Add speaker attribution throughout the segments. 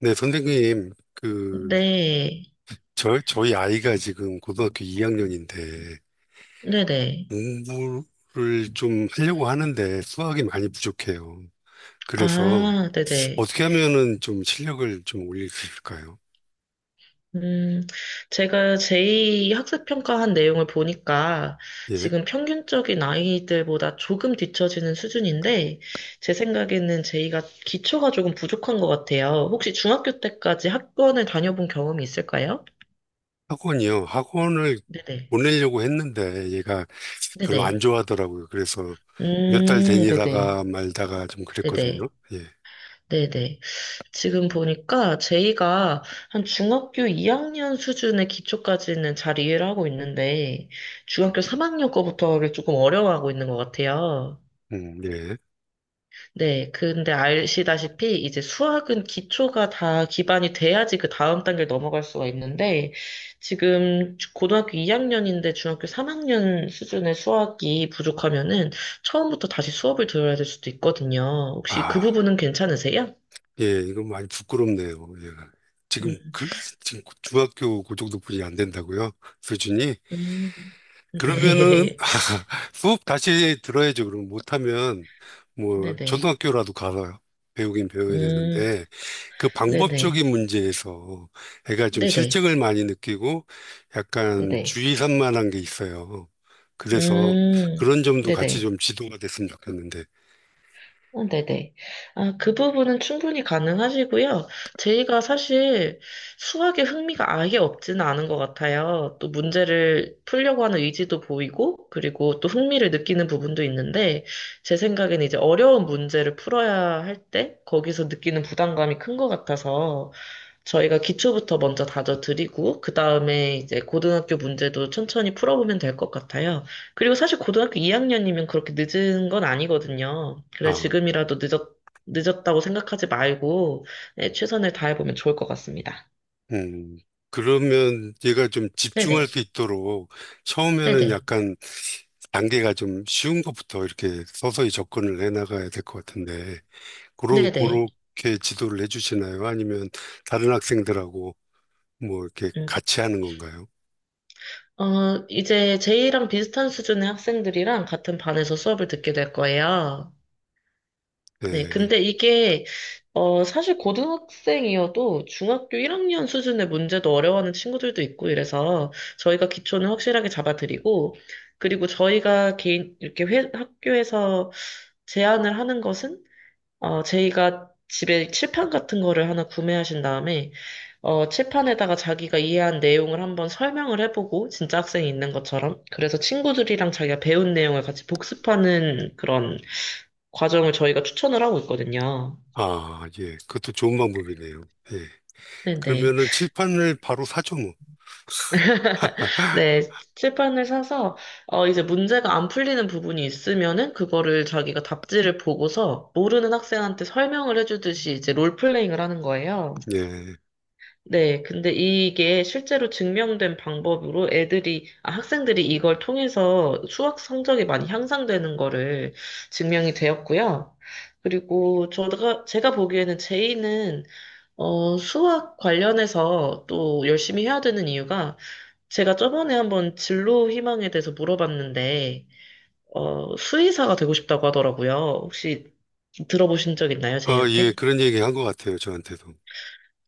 Speaker 1: 네, 선생님, 그,
Speaker 2: 네,
Speaker 1: 저, 저희 아이가 지금 고등학교 2학년인데,
Speaker 2: 네네.
Speaker 1: 공부를 좀 하려고 하는데 수학이 많이 부족해요. 그래서
Speaker 2: 아, 네네.
Speaker 1: 어떻게 하면은 좀 실력을 좀 올릴 수 있을까요?
Speaker 2: 음, 제가 제2학습평가한 내용을 보니까
Speaker 1: 예.
Speaker 2: 지금 평균적인 아이들보다 조금 뒤처지는 수준인데, 제 생각에는 제2가 기초가 조금 부족한 것 같아요. 혹시 중학교 때까지 학원을 다녀본 경험이 있을까요?
Speaker 1: 학원이요. 학원을
Speaker 2: 네네.
Speaker 1: 보내려고 했는데 얘가 별로 안
Speaker 2: 네네.
Speaker 1: 좋아하더라고요. 그래서 몇 달
Speaker 2: 네네.
Speaker 1: 다니다가 말다가 좀 그랬거든요.
Speaker 2: 네네.
Speaker 1: 예.
Speaker 2: 네네. 지금 보니까 제이가 한 중학교 2학년 수준의 기초까지는 잘 이해를 하고 있는데, 중학교 3학년 거부터 가 조금 어려워하고 있는 것 같아요.
Speaker 1: 예.
Speaker 2: 네, 근데 아시다시피 이제 수학은 기초가 다 기반이 돼야지 그 다음 단계를 넘어갈 수가 있는데, 지금 고등학교 2학년인데 중학교 3학년 수준의 수학이 부족하면은 처음부터 다시 수업을 들어야 될 수도 있거든요. 혹시 그
Speaker 1: 아.
Speaker 2: 부분은 괜찮으세요?
Speaker 1: 예, 이건 많이 부끄럽네요. 예. 지금
Speaker 2: 음.
Speaker 1: 그 지금 중학교 그 정도뿐이 안 된다고요? 수준이?
Speaker 2: 음,
Speaker 1: 그러면은
Speaker 2: 네.
Speaker 1: 수업 다시 들어야죠. 그럼 못하면 뭐
Speaker 2: 네네.
Speaker 1: 초등학교라도 가서 배우긴 배워야
Speaker 2: 음,
Speaker 1: 되는데 그
Speaker 2: 네네.
Speaker 1: 방법적인 문제에서 애가 좀
Speaker 2: 네네.
Speaker 1: 실증을 많이 느끼고 약간
Speaker 2: 네네.
Speaker 1: 주의 산만한 게 있어요. 그래서
Speaker 2: 음,
Speaker 1: 그런 점도 같이
Speaker 2: 네네.
Speaker 1: 좀 지도가 됐으면 좋겠는데.
Speaker 2: 네네. 아, 그 부분은 충분히 가능하시고요. 제이가 사실 수학에 흥미가 아예 없지는 않은 것 같아요. 또 문제를 풀려고 하는 의지도 보이고, 그리고 또 흥미를 느끼는 부분도 있는데, 제 생각는 이제 어려운 문제를 풀어야 할 때, 거기서 느끼는 부담감이 큰 것 같아서, 저희가 기초부터 먼저 다져드리고, 그 다음에 이제 고등학교 문제도 천천히 풀어보면 될 것 같아요. 그리고 사실 고등학교 2학년이면 그렇게 늦은 건 아니거든요. 그래,
Speaker 1: 아.
Speaker 2: 지금이라도 늦었다고 생각하지 말고, 네, 최선을 다해보면 좋을 것 같습니다.
Speaker 1: 음, 그러면 얘가 좀 집중할
Speaker 2: 네네.
Speaker 1: 수 있도록 처음에는
Speaker 2: 네네.
Speaker 1: 약간 단계가 좀 쉬운 것부터 이렇게 서서히 접근을 해 나가야 될 것 같은데, 그런,
Speaker 2: 네네.
Speaker 1: 그렇게 지도를 해 주시나요? 아니면 다른 학생들하고 뭐 이렇게
Speaker 2: 음.
Speaker 1: 같이 하는 건가요?
Speaker 2: 이제 제이랑 비슷한 수준의 학생들이랑 같은 반에서 수업을 듣게 될 거예요. 네,
Speaker 1: 네.
Speaker 2: 근데 이게, 사실 고등학생이어도 중학교 1학년 수준의 문제도 어려워하는 친구들도 있고 이래서 저희가 기초는 확실하게 잡아드리고, 그리고 저희가 개인, 이렇게 학교에서 제안을 하는 것은, 제이가 집에 칠판 같은 거를 하나 구매하신 다음에, 칠판에다가 자기가 이해한 내용을 한번 설명을 해보고, 진짜 학생이 있는 것처럼. 그래서 친구들이랑 자기가 배운 내용을 같이 복습하는 그런 과정을 저희가 추천을 하고 있거든요.
Speaker 1: 아, 예. 그것도 좋은 방법이네요. 예.
Speaker 2: 네네.
Speaker 1: 그러면은 칠판을 바로 사죠, 뭐.
Speaker 2: 네, 칠판을 사서, 이제 문제가 안 풀리는 부분이 있으면은, 그거를 자기가 답지를 보고서, 모르는 학생한테 설명을 해주듯이 이제 롤플레잉을 하는 거예요.
Speaker 1: 예.
Speaker 2: 네, 근데 이게 실제로 증명된 방법으로 애들이, 아, 학생들이 이걸 통해서 수학 성적이 많이 향상되는 거를 증명이 되었고요. 그리고 제가 보기에는 제이는, 수학 관련해서 또 열심히 해야 되는 이유가 제가 저번에 한번 진로 희망에 대해서 물어봤는데, 수의사가 되고 싶다고 하더라고요. 혹시 들어보신 적 있나요,
Speaker 1: 아, 예.
Speaker 2: 제이한테?
Speaker 1: 그런 얘기 한 것 같아요, 저한테도.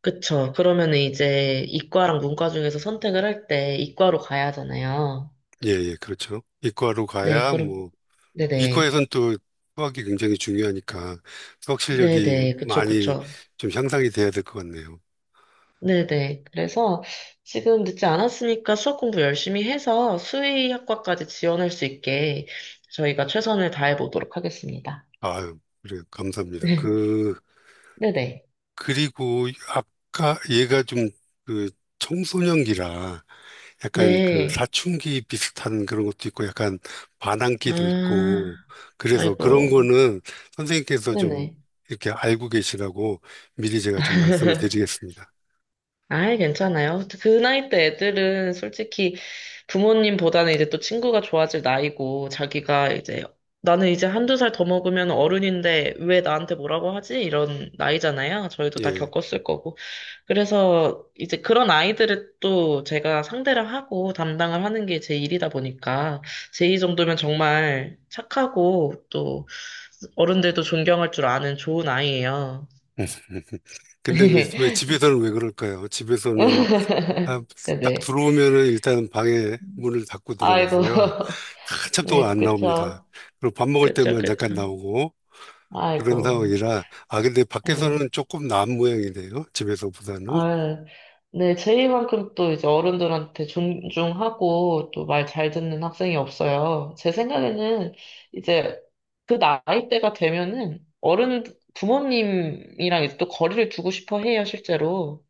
Speaker 2: 그쵸. 그러면은 이제 이과랑 문과 중에서 선택을 할 때 이과로 가야 하잖아요.
Speaker 1: 예, 예. 그렇죠. 이과로
Speaker 2: 네,
Speaker 1: 가야
Speaker 2: 그럼,
Speaker 1: 뭐
Speaker 2: 네네.
Speaker 1: 이과에선 또 수학이 굉장히 중요하니까 수학 실력이
Speaker 2: 네네. 그쵸,
Speaker 1: 많이
Speaker 2: 그쵸.
Speaker 1: 좀 향상이 돼야 될 것 같네요.
Speaker 2: 네네. 그래서 지금 늦지 않았으니까 수학 공부 열심히 해서 수의학과까지 지원할 수 있게 저희가 최선을 다해 보도록 하겠습니다.
Speaker 1: 아유, 그래, 감사합니다. 그,
Speaker 2: 네네.
Speaker 1: 그리고 아까 얘가 좀 그 청소년기라 약간 그
Speaker 2: 네.
Speaker 1: 사춘기 비슷한 그런 것도 있고 약간 반항기도 있고
Speaker 2: 아,
Speaker 1: 그래서 그런
Speaker 2: 아이고.
Speaker 1: 거는 선생님께서 좀
Speaker 2: 네네.
Speaker 1: 이렇게 알고 계시라고 미리 제가 좀 말씀을 드리겠습니다.
Speaker 2: 아이, 괜찮아요. 그 나이 때 애들은 솔직히 부모님보다는 이제 또 친구가 좋아질 나이고, 자기가 이제, 나는 이제 한두 살 더 먹으면 어른인데 왜 나한테 뭐라고 하지? 이런 나이잖아요. 저희도 다
Speaker 1: 예.
Speaker 2: 겪었을 거고. 그래서 이제 그런 아이들을 또 제가 상대를 하고 담당을 하는 게 제 일이다 보니까, 제이 정도면 정말 착하고, 또 어른들도 존경할 줄 아는 좋은 아이예요.
Speaker 1: 근데 왜 집에서는 왜 그럴까요? 집에서는 아, 딱
Speaker 2: 네네.
Speaker 1: 들어오면은 일단 방에 문을 닫고
Speaker 2: 아이고.
Speaker 1: 들어가고요. 한참 동안
Speaker 2: 네,
Speaker 1: 안 나옵니다.
Speaker 2: 그쵸.
Speaker 1: 그리고 밥 먹을
Speaker 2: 그쵸,
Speaker 1: 때만 잠깐
Speaker 2: 그쵸.
Speaker 1: 나오고 그런
Speaker 2: 아이고.
Speaker 1: 상황이라 아 근데
Speaker 2: 네.
Speaker 1: 밖에서는 조금 나은 모양이네요. 집에서보다는.
Speaker 2: 아, 네, 제이만큼 또 이제 어른들한테 존중하고 또 말 잘 듣는 학생이 없어요. 제 생각에는 이제 그 나이대가 되면은 어른, 부모님이랑 이제 또 거리를 두고 싶어 해요, 실제로.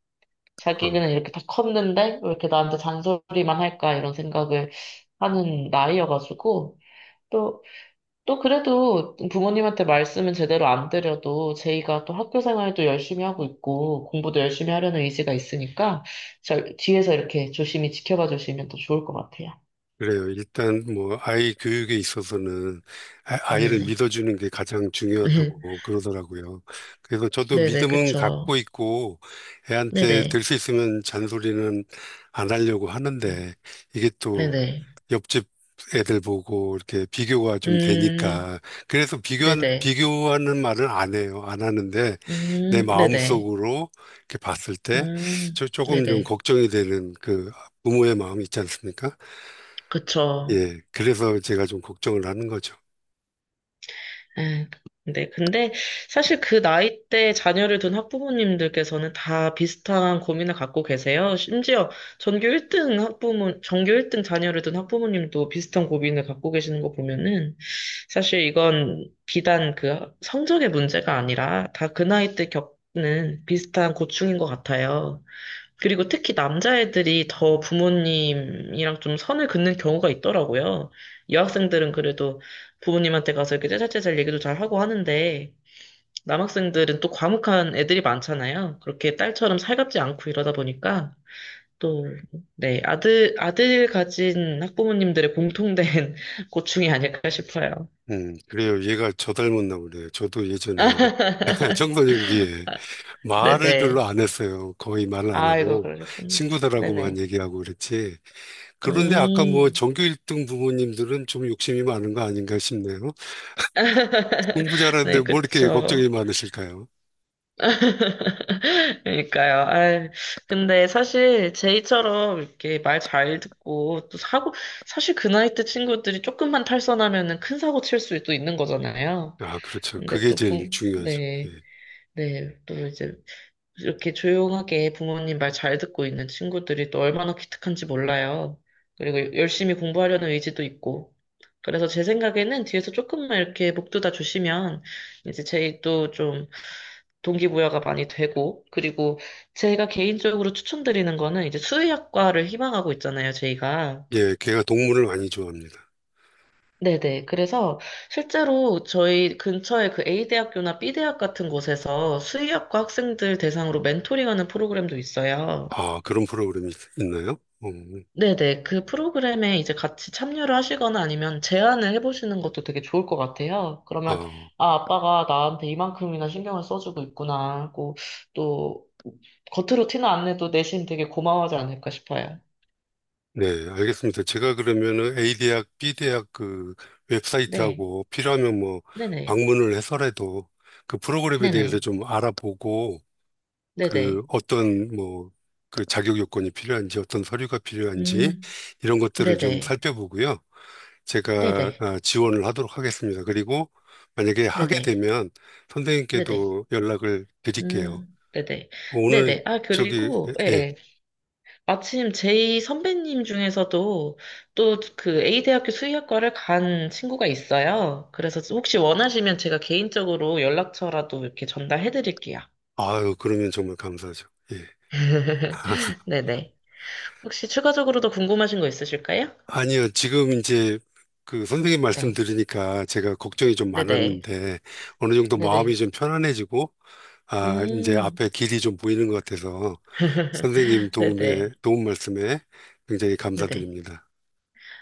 Speaker 1: 어,
Speaker 2: 자기는 이렇게 다 컸는데 왜 이렇게 나한테 잔소리만 할까 이런 생각을 하는 나이여가지고. 또 그래도 부모님한테 말씀은 제대로 안 드려도 제이가 또 학교 생활도 열심히 하고 있고 공부도 열심히 하려는 의지가 있으니까 저 뒤에서 이렇게 조심히 지켜봐 주시면 더 좋을 것 같아요.
Speaker 1: 그래요. 일단 뭐 아이 교육에 있어서는 아이를
Speaker 2: 네네.
Speaker 1: 믿어주는 게 가장 중요하다고 그러더라고요. 그래서 저도
Speaker 2: 네네,
Speaker 1: 믿음은
Speaker 2: 그쵸.
Speaker 1: 갖고 있고 애한테
Speaker 2: 네네.
Speaker 1: 될 수 있으면 잔소리는 안 하려고
Speaker 2: 네.
Speaker 1: 하는데 이게 또
Speaker 2: 네네.
Speaker 1: 옆집 애들 보고 이렇게 비교가 좀
Speaker 2: 음,
Speaker 1: 되니까 그래서 비교한
Speaker 2: 네네.
Speaker 1: 비교하는 말을 안 해요. 안 하는데 내
Speaker 2: 네네.
Speaker 1: 마음속으로 이렇게 봤을 때 저, 조금 좀
Speaker 2: 네네.
Speaker 1: 걱정이 되는 그 부모의 마음이 있지 않습니까?
Speaker 2: 그쵸.
Speaker 1: 예. 그래서 제가 좀 걱정을 하는 거죠.
Speaker 2: 예, 네, 근데 사실 그 나이 대 자녀를 둔 학부모님들께서는 다 비슷한 고민을 갖고 계세요. 심지어 전교 1등 학부모, 전교 1등 자녀를 둔 학부모님도 비슷한 고민을 갖고 계시는 거 보면은 사실 이건 비단 그 성적의 문제가 아니라 다 그 나이 때 겪는 비슷한 고충인 것 같아요. 그리고 특히 남자애들이 더 부모님이랑 좀 선을 긋는 경우가 있더라고요. 여학생들은 그래도 부모님한테 가서 이렇게 째잘째잘 얘기도 잘 하고 하는데, 남학생들은 또 과묵한 애들이 많잖아요. 그렇게 딸처럼 살갑지 않고 이러다 보니까, 또, 네, 아들 가진 학부모님들의 공통된 고충이 아닐까 싶어요.
Speaker 1: 그래요. 얘가 저 닮았나 보네요. 저도 예전에 청소년기에 말을 별로
Speaker 2: 네네.
Speaker 1: 안 했어요. 거의 말을 안
Speaker 2: 아, 이거
Speaker 1: 하고
Speaker 2: 그러셨군.
Speaker 1: 친구들하고만
Speaker 2: 네네.
Speaker 1: 얘기하고 그랬지. 그런데 아까 뭐
Speaker 2: 음,
Speaker 1: 전교 1등 부모님들은 좀 욕심이 많은 거 아닌가 싶네요. 공부 잘하는데
Speaker 2: 네,
Speaker 1: 뭐 이렇게 걱정이
Speaker 2: 그쵸.
Speaker 1: 많으실까요?
Speaker 2: 그러니까요. 아, 근데 사실 제이처럼 이렇게 말 잘 듣고 또 사고 사실 그 나이 때 친구들이 조금만 탈선하면은 큰 사고 칠 수도 있는 거잖아요.
Speaker 1: 아, 그렇죠.
Speaker 2: 근데
Speaker 1: 그게
Speaker 2: 또
Speaker 1: 제일 중요하죠.
Speaker 2: 네,
Speaker 1: 예.
Speaker 2: 네, 또 이제 이렇게 조용하게 부모님 말 잘 듣고 있는 친구들이 또 얼마나 기특한지 몰라요. 그리고 열심히 공부하려는 의지도 있고. 그래서 제 생각에는 뒤에서 조금만 이렇게 목 두다 주시면 이제 제이 또좀 동기부여가 많이 되고, 그리고 제가 개인적으로 추천드리는 거는 이제 수의학과를 희망하고 있잖아요, 저희가.
Speaker 1: 예, 걔가 동물을 많이 좋아합니다.
Speaker 2: 네네. 그래서 실제로 저희 근처에 그 A대학교나 B대학 같은 곳에서 수의학과 학생들 대상으로 멘토링하는 프로그램도 있어요.
Speaker 1: 아, 그런 프로그램이 있나요? 음,
Speaker 2: 네네. 그 프로그램에 이제 같이 참여를 하시거나 아니면 제안을 해보시는 것도 되게 좋을 것 같아요. 그러면,
Speaker 1: 아,
Speaker 2: 아, 아빠가 나한테 이만큼이나 신경을 써주고 있구나 하고, 또, 겉으로 티는 안 내도 내심 되게 고마워하지 않을까 싶어요.
Speaker 1: 네, 알겠습니다. 제가 그러면은 A 대학, B 대학 그
Speaker 2: 네.
Speaker 1: 웹사이트하고 필요하면 뭐
Speaker 2: 네네.
Speaker 1: 방문을 해서라도 그 프로그램에 대해서
Speaker 2: 네네.
Speaker 1: 좀 알아보고 그
Speaker 2: 네네.
Speaker 1: 어떤 뭐 그 자격 요건이 필요한지 어떤 서류가 필요한지
Speaker 2: 음,
Speaker 1: 이런 것들을 좀
Speaker 2: 네네.
Speaker 1: 살펴보고요. 제가
Speaker 2: 네네.
Speaker 1: 아, 지원을 하도록 하겠습니다. 그리고 만약에 하게
Speaker 2: 네네.
Speaker 1: 되면
Speaker 2: 네네.
Speaker 1: 선생님께도 연락을 드릴게요.
Speaker 2: 네네.
Speaker 1: 오늘
Speaker 2: 네네. 아,
Speaker 1: 저기
Speaker 2: 그리고, 예,
Speaker 1: 예. 예.
Speaker 2: 예. 마침 제이 선배님 중에서도 또 그 A대학교 수의학과를 간 친구가 있어요. 그래서 혹시 원하시면 제가 개인적으로 연락처라도 이렇게 전달해 드릴게요.
Speaker 1: 아유, 그러면 정말 감사하죠. 예.
Speaker 2: 네네. 혹시 추가적으로 더 궁금하신 거 있으실까요?
Speaker 1: 아니요, 지금 이제 그 선생님 말씀
Speaker 2: 네.
Speaker 1: 들으니까 제가 걱정이 좀
Speaker 2: 네네.
Speaker 1: 많았는데 어느 정도 마음이
Speaker 2: 네네.
Speaker 1: 좀 편안해지고 아, 이제
Speaker 2: 음.
Speaker 1: 앞에 길이 좀 보이는 것 같아서 선생님 도움에,
Speaker 2: 네네.
Speaker 1: 도움 말씀에 굉장히
Speaker 2: 네네.
Speaker 1: 감사드립니다.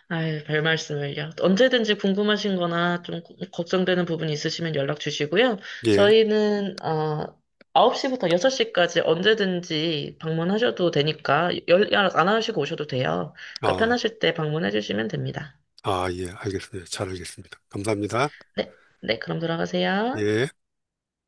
Speaker 2: 아이, 별 말씀을요. 언제든지 궁금하신 거나 좀 걱정되는 부분이 있으시면 연락 주시고요.
Speaker 1: 예,
Speaker 2: 저희는, 9시부터 6시까지 언제든지 방문하셔도 되니까 연락 안 하시고 오셔도 돼요. 그러니까
Speaker 1: 아,
Speaker 2: 편하실 때 방문해 주시면 됩니다.
Speaker 1: 아, 예, 알겠습니다. 잘 알겠습니다. 감사합니다.
Speaker 2: 네, 네, 그럼 들어가세요.
Speaker 1: 예.